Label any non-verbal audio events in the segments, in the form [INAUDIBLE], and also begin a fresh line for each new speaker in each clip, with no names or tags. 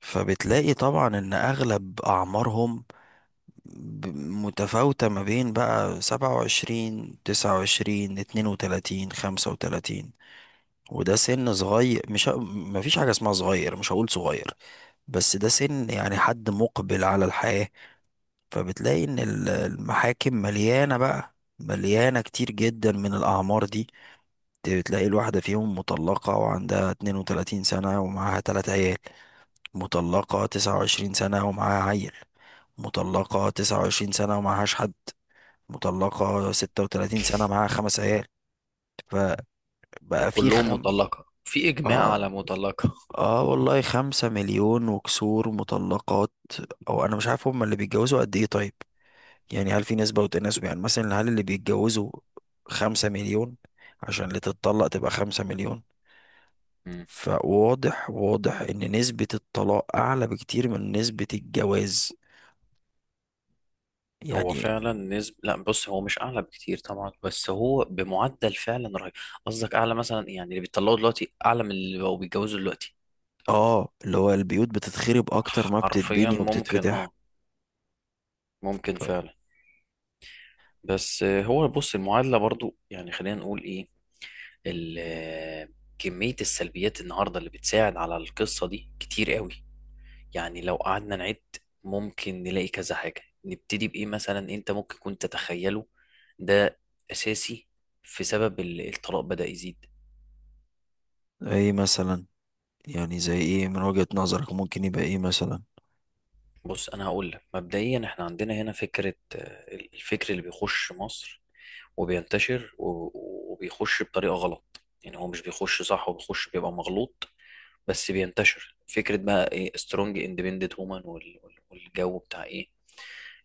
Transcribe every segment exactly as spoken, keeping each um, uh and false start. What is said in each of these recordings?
فبتلاقي طبعا ان اغلب اعمارهم ب- متفاوتة ما بين بقى سبعة وعشرين، تسعة وعشرين، اتنين وتلاتين، خمسة وتلاتين. وده سن صغير، مش ه- مفيش حاجة اسمها صغير، مش هقول صغير، بس ده سن يعني حد مقبل على الحياة. فبتلاقي ان ال- المحاكم مليانة، بقى مليانة كتير جدا من الأعمار دي. بتلاقي الواحدة فيهم مطلقة وعندها 32 سنة ومعاها تلات عيال، مطلقة تسعة وعشرين سنة ومعاها عيل، مطلقة تسعة وعشرين سنة ومعهاش حد، مطلقة ستة وتلاتين سنة معاها خمس عيال. فبقى في
وكلهم
خم
مطلقة، في إجماع
اه.
على مطلقة.
اه والله، خمسة مليون وكسور مطلقات. او انا مش عارف هما اللي بيتجوزوا قد ايه. طيب، يعني هل في نسبة وتناسب؟ يعني مثلا هل اللي بيتجوزوا خمسة مليون عشان اللي تتطلق تبقى خمسة مليون؟
مم.
فواضح، واضح ان نسبة الطلاق اعلى بكتير من نسبة الجواز
هو
يعني.
فعلا نسب، لا بص هو مش أعلى بكتير طبعا، بس هو بمعدل فعلا رهيب. قصدك أعلى مثلا، يعني اللي بيطلقوا دلوقتي أعلى من اللي بقوا بيتجوزوا دلوقتي.
اه، اللي هو البيوت بتتخرب اكتر ما
حرفيا
بتتبني
ممكن،
وبتتفتح.
اه. ممكن
ف-
فعلا. بس آه، هو بص، المعادلة برضو يعني خلينا نقول ايه. ال- آه، كمية السلبيات النهاردة اللي بتساعد على القصة دي كتير قوي. يعني لو قعدنا نعد، ممكن نلاقي كذا حاجة. نبتدي بإيه مثلا؟ أنت ممكن كنت تتخيله ده أساسي في سبب ال- الطلاق بدأ يزيد.
ايه مثلا؟ يعني زي ايه من وجهة نظرك ممكن يبقى ايه مثلا؟
بص، أنا هقول لك مبدئيا، إحنا عندنا هنا فكرة. آه، الفكر اللي بيخش مصر وبينتشر، و- وبيخش بطريقة غلط، يعني هو مش بيخش صح، هو بيخش بيبقى مغلوط، بس بينتشر. فكرة بقى إيه؟ سترونج اندبندنت وومن، والجو بتاع إيه.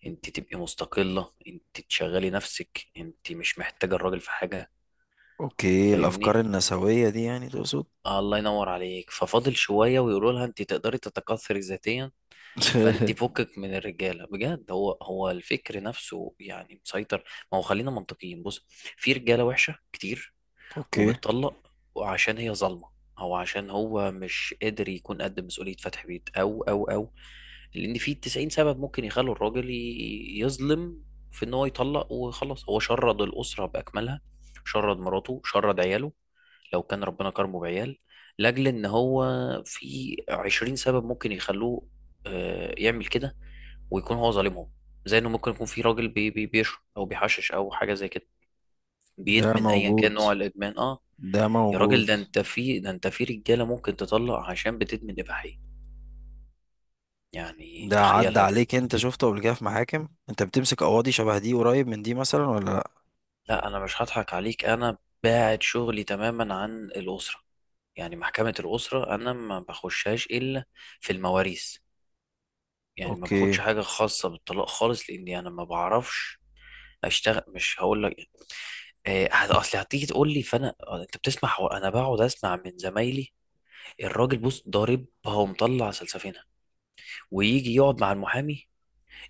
انت تبقي مستقلة، انت تشغلي نفسك، انت مش محتاجة الراجل في حاجة.
اوكي،
فاهمني؟
الافكار النسوية دي يعني تقصد؟
آه، الله ينور عليك. ففاضل شوية ويقولوا لها انت تقدري تتكاثري ذاتيا، فانت
[LAUGHS]
فكك من الرجالة بجد. هو هو الفكر نفسه يعني مسيطر. ما هو خلينا منطقيين، بص، في رجالة وحشة كتير
اوكي.
وبتطلق، وعشان هي ظالمة، او عشان هو مش قادر يكون قد مسؤولية فتح بيت، او او او. لان في تسعين سبب ممكن يخلوا الراجل ي- يظلم، في ان هو يطلق وخلاص. هو شرد الاسره باكملها، شرد مراته، شرد عياله، لو كان ربنا كرمه بعيال. لاجل ان هو، في عشرين سبب ممكن يخلوه آه، يعمل كده، ويكون هو ظالمهم. زي انه ممكن يكون في راجل بي بي بيشرب او بيحشش او حاجه زي كده،
ده
بيدمن، ايا كان
موجود،
نوع الادمان، اه.
ده
يا راجل،
موجود.
ده انت في ده انت في رجاله ممكن تطلق عشان بتدمن اباحيه، يعني
ده عدى
تخيلها كده.
عليك؟ انت شفته قبل كده في محاكم؟ انت بتمسك قواضي شبه دي، قريب من دي مثلا ولا لا؟
لا انا مش هضحك عليك، انا باعد شغلي تماما عن الاسره، يعني محكمه الاسره انا ما بخشهاش الا في المواريث. يعني ما
اوكي.
باخدش حاجه خاصه بالطلاق خالص، لاني انا ما بعرفش اشتغل. مش هقول لك، آه، هت- اصل هتيجي تقول لي، فانا آه، انت بتسمع. حو- انا بقعد اسمع من زمايلي، الراجل بص ضاربها ومطلع سلسفينها، ويجي يقعد مع المحامي،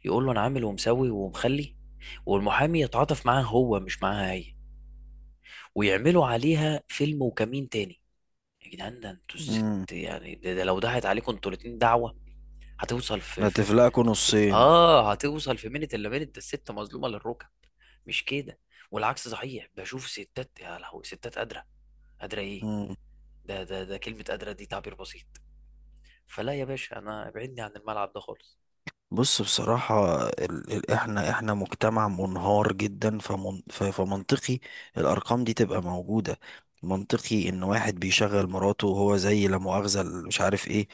يقول له انا عامل ومسوي ومخلي، والمحامي يتعاطف معاه هو، مش معاها هي، ويعملوا عليها فيلم وكمين تاني. يا جدعان، ده انتوا الست.
امم
يعني ده, ده لو ضاعت عليكم انتوا الاتنين دعوة، هتوصل في في
هتفلقكوا
في
نصين.
اه هتوصل في منت الا منت، ده الست مظلومة للركب، مش كده؟ والعكس صحيح، بشوف ستات يا لهوي، ستات قادرة. قادرة ايه! ده ده ده كلمة قادرة دي تعبير بسيط. فلا يا باشا، انا ابعدني عن الملعب ده خالص.
بص، بصراحة ال... ال... احنا احنا مجتمع منهار جدا، فمن... ف... فمنطقي الأرقام دي تبقى موجودة. منطقي إن واحد بيشغل مراته وهو زي لا مؤاخذة ال- مش عارف ايه،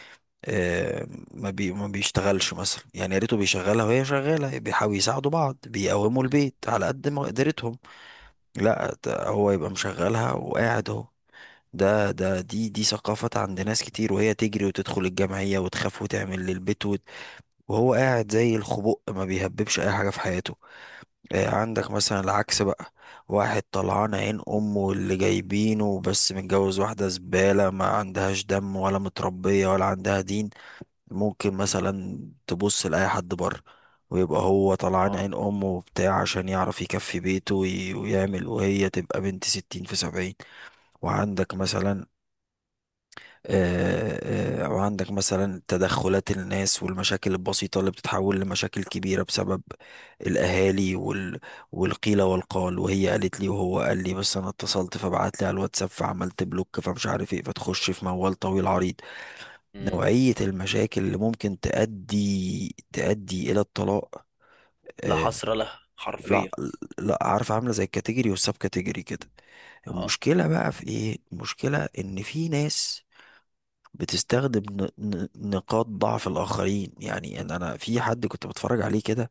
آه، ما بي ما بيشتغلش مثلا، يعني يا ريته بيشغلها وهي شغالة، بيحاولوا يساعدوا بعض بيقوموا
مم.
البيت على قد ما قدرتهم. لا، ده هو يبقى مشغلها وقاعد اهو. ده ده دي دي ثقافة عند ناس كتير، وهي تجري وتدخل الجمعية وتخاف وتعمل للبيت، وهو قاعد زي الخبق ما بيهببش اي حاجه في حياته. آه، عندك مثلا العكس بقى، واحد طلعان عين امه اللي جايبينه بس متجوز واحده زباله ما عندهاش دم ولا متربيه ولا عندها دين، ممكن مثلا تبص لاي حد بره. ويبقى هو طلعان
اه.
عين امه وبتاع عشان يعرف يكفي بيته وي- ويعمل، وهي تبقى بنت ستين في سبعين. وعندك مثلا، آه، آه، وعندك مثلا تدخلات الناس والمشاكل البسيطة اللي بتتحول لمشاكل كبيرة بسبب الأهالي وال... والقيل والقال، وهي قالت لي وهو قال لي، بس أنا اتصلت فبعت لي على الواتساب فعملت بلوك فمش عارف إيه، فتخش في موال طويل عريض.
مم.
نوعية المشاكل اللي ممكن تؤدي تؤدي إلى الطلاق،
لا
آه،
حصر لها
لا
حرفيا.
لا، عارف، عاملة زي الكاتيجوري والسب كاتيجوري كده.
اه.
المشكلة بقى في إيه؟ المشكلة إن في ناس بتستخدم ن- ن- نقاط ضعف الآخرين. يعني أنا أنا في حد كنت بتفرج عليه كده،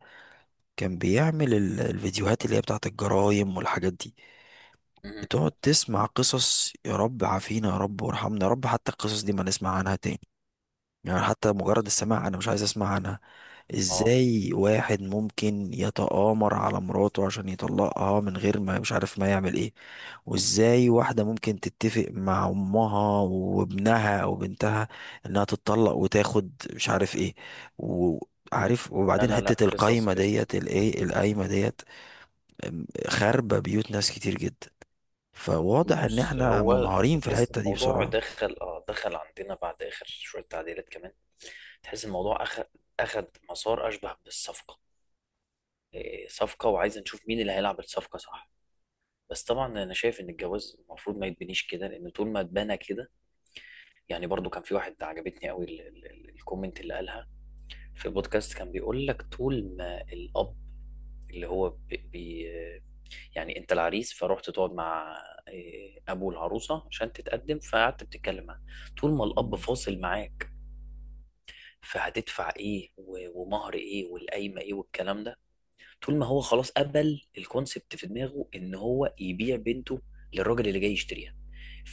كان بيعمل ال- الفيديوهات اللي هي بتاعت الجرايم والحاجات دي.
مم.
بتقعد تسمع قصص، يا رب عافينا يا رب وارحمنا يا رب حتى القصص دي ما نسمع عنها تاني. يعني حتى مجرد السماع انا مش عايز اسمع عنها.
اه.
ازاي واحد ممكن يتآمر على مراته عشان يطلقها من غير ما مش عارف ما يعمل ايه؟ وازاي واحدة ممكن تتفق مع امها وابنها او بنتها انها تتطلق وتاخد مش عارف ايه؟ وعارف؟
لا
وبعدين
لا لا،
حتة
قصص،
القايمة
قصص
ديت،
كتير.
الايه، القايمة ديت. أم، خاربة بيوت ناس كتير جدا. فواضح ان
بص،
احنا
هو انت
منهارين في
تحس ان
الحتة دي
الموضوع
بسرعة.
دخل اه دخل عندنا بعد اخر شويه تعديلات كمان. تحس الموضوع اخد اخد مسار اشبه بالصفقه. إيه، صفقه، وعايز نشوف مين اللي هيلعب الصفقه صح. بس طبعا انا شايف ان الجواز المفروض ما يتبنيش كده، لان طول ما اتبنى كده. يعني برضو كان في واحد عجبتني قوي ال- ال- ال- الكومنت اللي قالها في البودكاست. كان بيقول لك، طول ما الاب، اللي هو بي بي يعني انت العريس، فروحت تقعد مع إيه، ابو العروسه، عشان تتقدم، فقعدت بتتكلم معاه، طول ما الاب فاصل معاك فهتدفع ايه، و- ومهر ايه، والقايمه ايه، والكلام ده. طول ما هو خلاص قبل الكونسبت في دماغه ان هو يبيع بنته للراجل اللي جاي يشتريها،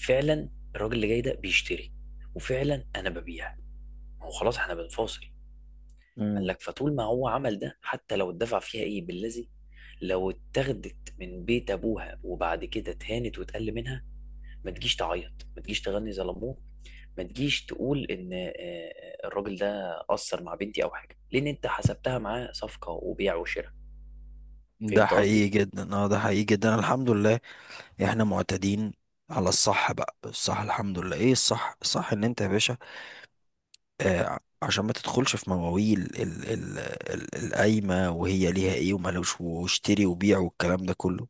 فعلا الراجل اللي جاي ده بيشتري، وفعلا انا ببيع. ما هو خلاص احنا بنفاصل. قال
مم.
لك، فطول ما هو عمل ده، حتى لو اتدفع فيها ايه بالذي، لو اتاخدت من بيت ابوها وبعد كده اتهانت واتقل منها، ما تجيش تعيط، ما تجيش تغني زي لموه، ما تجيش تقول ان آه، الراجل ده قصر مع بنتي او حاجه، لان انت حسبتها معاه صفقه وبيع وشراء.
ده
فهمت قصدي؟
حقيقي جدا، اه، ده حقيقي جدا، الحمد لله. احنا معتادين على الصح، بقى الصح الحمد لله. ايه الصح؟ الصح ان انت يا باشا، آه، عشان ما تدخلش في مواويل ال- ال- ال- القايمة وهي ليها ايه ومالوش واشتري وبيع والكلام ده كله،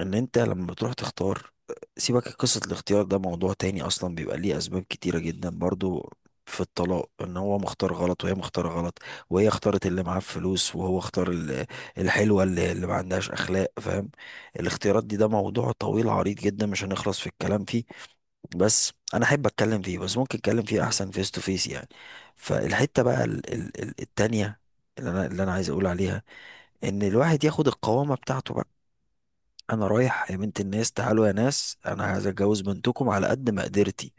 ان انت لما بتروح تختار، سيبك قصة الاختيار، ده موضوع تاني اصلا بيبقى ليه اسباب كتيرة جدا برضو في الطلاق، ان هو مختار غلط وهي مختارة غلط، وهي اختارت اللي معاه فلوس وهو اختار ال- الحلوة اللي, اللي ما عندهاش اخلاق، فاهم؟ الاختيارات دي ده موضوع طويل عريض جدا، مش هنخلص في الكلام فيه، بس انا احب اتكلم فيه، بس ممكن اتكلم فيه احسن فيس تو فيس يعني. فالحتة بقى ال- ال- ال- التانية، اللي انا اللي انا عايز اقول عليها، ان الواحد ياخد القوامة بتاعته بقى. انا رايح يا بنت الناس، تعالوا يا ناس، انا عايز اتجوز بنتكم على قد مقدرتي،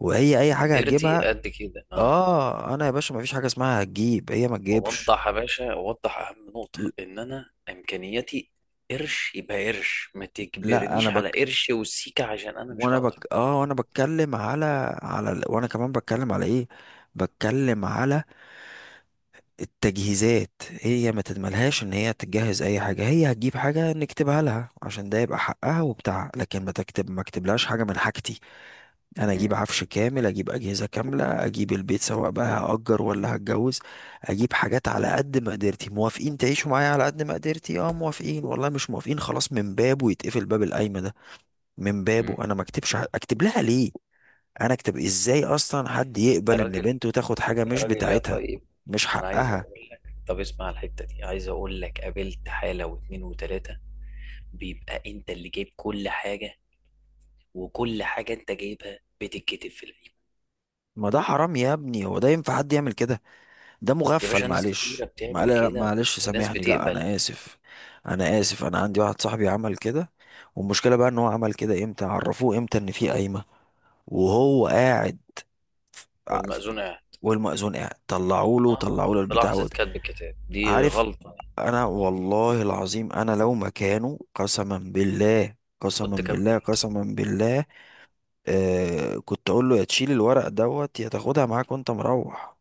وهي اي حاجه
مقدرتي
هتجيبها.
قد كده، اه.
اه، انا يا باشا ما فيش حاجه اسمها هتجيب، هي ما تجيبش.
ووضح يا باشا، ووضح اهم
ل-
نقطة، ان انا امكانياتي قرش يبقى قرش، ما
لا، انا
تجبرنيش على
بك،
قرش وسيكة عشان انا مش
وانا
هقدر.
بك، اه، وانا بتكلم على على ال- وانا كمان بتكلم على ايه، بتكلم على التجهيزات. هي ما تتملهاش ان هي تجهز اي حاجه، هي هتجيب حاجه نكتبها لها عشان ده يبقى حقها وبتاعها، لكن ما تكتب ما اكتبلهاش حاجه من حاجتي. انا اجيب
مم.
عفش كامل، اجيب اجهزه كامله، اجيب البيت سواء بقى هاجر ولا هتجوز، اجيب حاجات على قد مقدرتي. موافقين تعيشوا معايا على قد مقدرتي؟ اه موافقين، والله مش موافقين، خلاص من بابه يتقفل باب القايمه ده، من
مم.
بابه انا ما اكتبش. ح- اكتب لها ليه؟ انا اكتب ازاي اصلا؟ حد
يا
يقبل ان
راجل،
بنته تاخد حاجه
يا
مش
راجل يا
بتاعتها،
طيب،
مش
انا عايز
حقها؟
اقول لك. طب اسمع الحتة دي، عايز اقول لك قابلت حالة واتنين وتلاتة، بيبقى انت اللي جايب كل حاجة، وكل حاجة انت جايبها بتتكتب في العيب.
ما ده حرام يا ابني، هو ده ينفع حد يعمل كده؟ ده
يا
مغفل،
باشا، ناس كتيرة
معلش،
بتعمل
معل-
كده
معلش
وناس
سامحني، لا
بتقبل.
انا اسف. انا اسف، انا عندي واحد صاحبي عمل كده، والمشكله بقى ان هو عمل كده، امتى عرفوه؟ امتى ان في قايمه وهو قاعد؟ ف- ع- ف-
والمأذون قاعد.
والمأذون قاعد، طلعوا له
اه،
طلعوا له
في
البتاع
لحظة
وت-
كتب الكتاب دي
عارف.
غلطة.
انا والله العظيم، انا لو مكانه، قسما بالله، قسما
كنت
بالله،
كملت،
قسما بالله، آه كنت اقول له يا تشيل الورق دوت يا تاخدها معاك وانت مروح.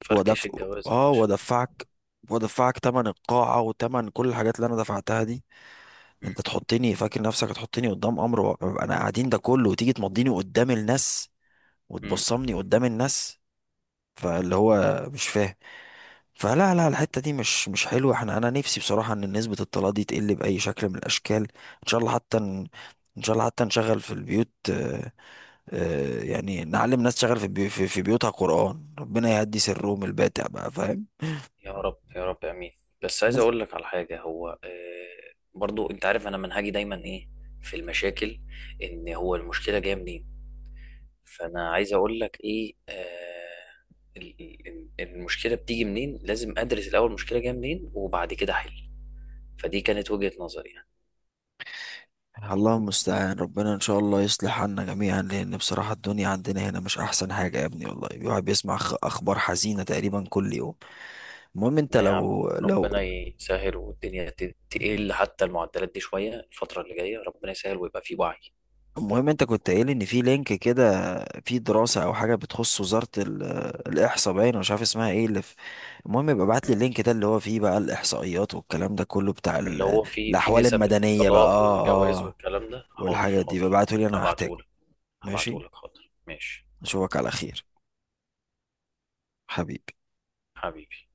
فركش
ودف
الجواز يا
اه،
باشا.
وادفعك وادفعك تمن القاعة وتمن كل الحاجات اللي انا دفعتها دي.
مم.
انت تحطني فاكر نفسك هتحطني قدام امر واقع؟ انا قاعدين ده كله وتيجي تمضيني قدام الناس
مم.
وتبصمني قدام الناس؟ فاللي هو مش فاهم. فلا لا، الحتة دي مش مش حلوة. احنا انا نفسي بصراحة ان نسبة الطلاق دي تقل بأي شكل من الاشكال. ان شاء الله حتى ن- ان شاء الله حتى نشغل في البيوت، آه، آه، يعني نعلم ناس تشغل في بيو- في في بيوتها قرآن. ربنا يهدي سرهم الباتع بقى، فاهم؟
يا رب، يا رب، امين. بس عايز اقول لك على حاجة، هو آه برضو انت عارف انا منهجي دايما ايه في المشاكل. ان هو المشكلة جاية منين، فانا عايز اقول لك ايه، آه ال- ال- المشكله بتيجي منين. لازم ادرس الاول المشكله جايه منين وبعد كده احل. فدي كانت وجهه نظري يعني.
الله المستعان، ربنا ان شاء الله يصلح عنا جميعا، لان بصراحة الدنيا عندنا هنا مش احسن حاجة يا ابني، والله الواحد بيسمع خ- اخبار حزينة تقريبا كل يوم. المهم انت
أنا يا عم،
لو لو.
ربنا يسهل والدنيا ت- تقل، حتى المعدلات دي شويه الفتره اللي جايه ربنا يسهل ويبقى في وعي.
المهم انت كنت قايل ان في لينك كده، في دراسة او حاجة بتخص وزارة ال- الاحصاء، باين أنا مش عارف اسمها ايه اللي في. المهم يبقى ابعت لي
مم.
اللينك ده اللي هو فيه بقى الاحصائيات والكلام ده كله بتاع
اللي
ال-
هو في في
الاحوال
نسب
المدنية بقى،
الطلاق
اه.
والجواز
اه،
والكلام ده، حاضر
والحاجات دي
حاضر.
ببعته لي انا هحتاجه.
هبعتهولك.
ماشي.
هبعتهولك حاضر، ماشي.
اشوفك على خير، حبيبي.
حبيبي.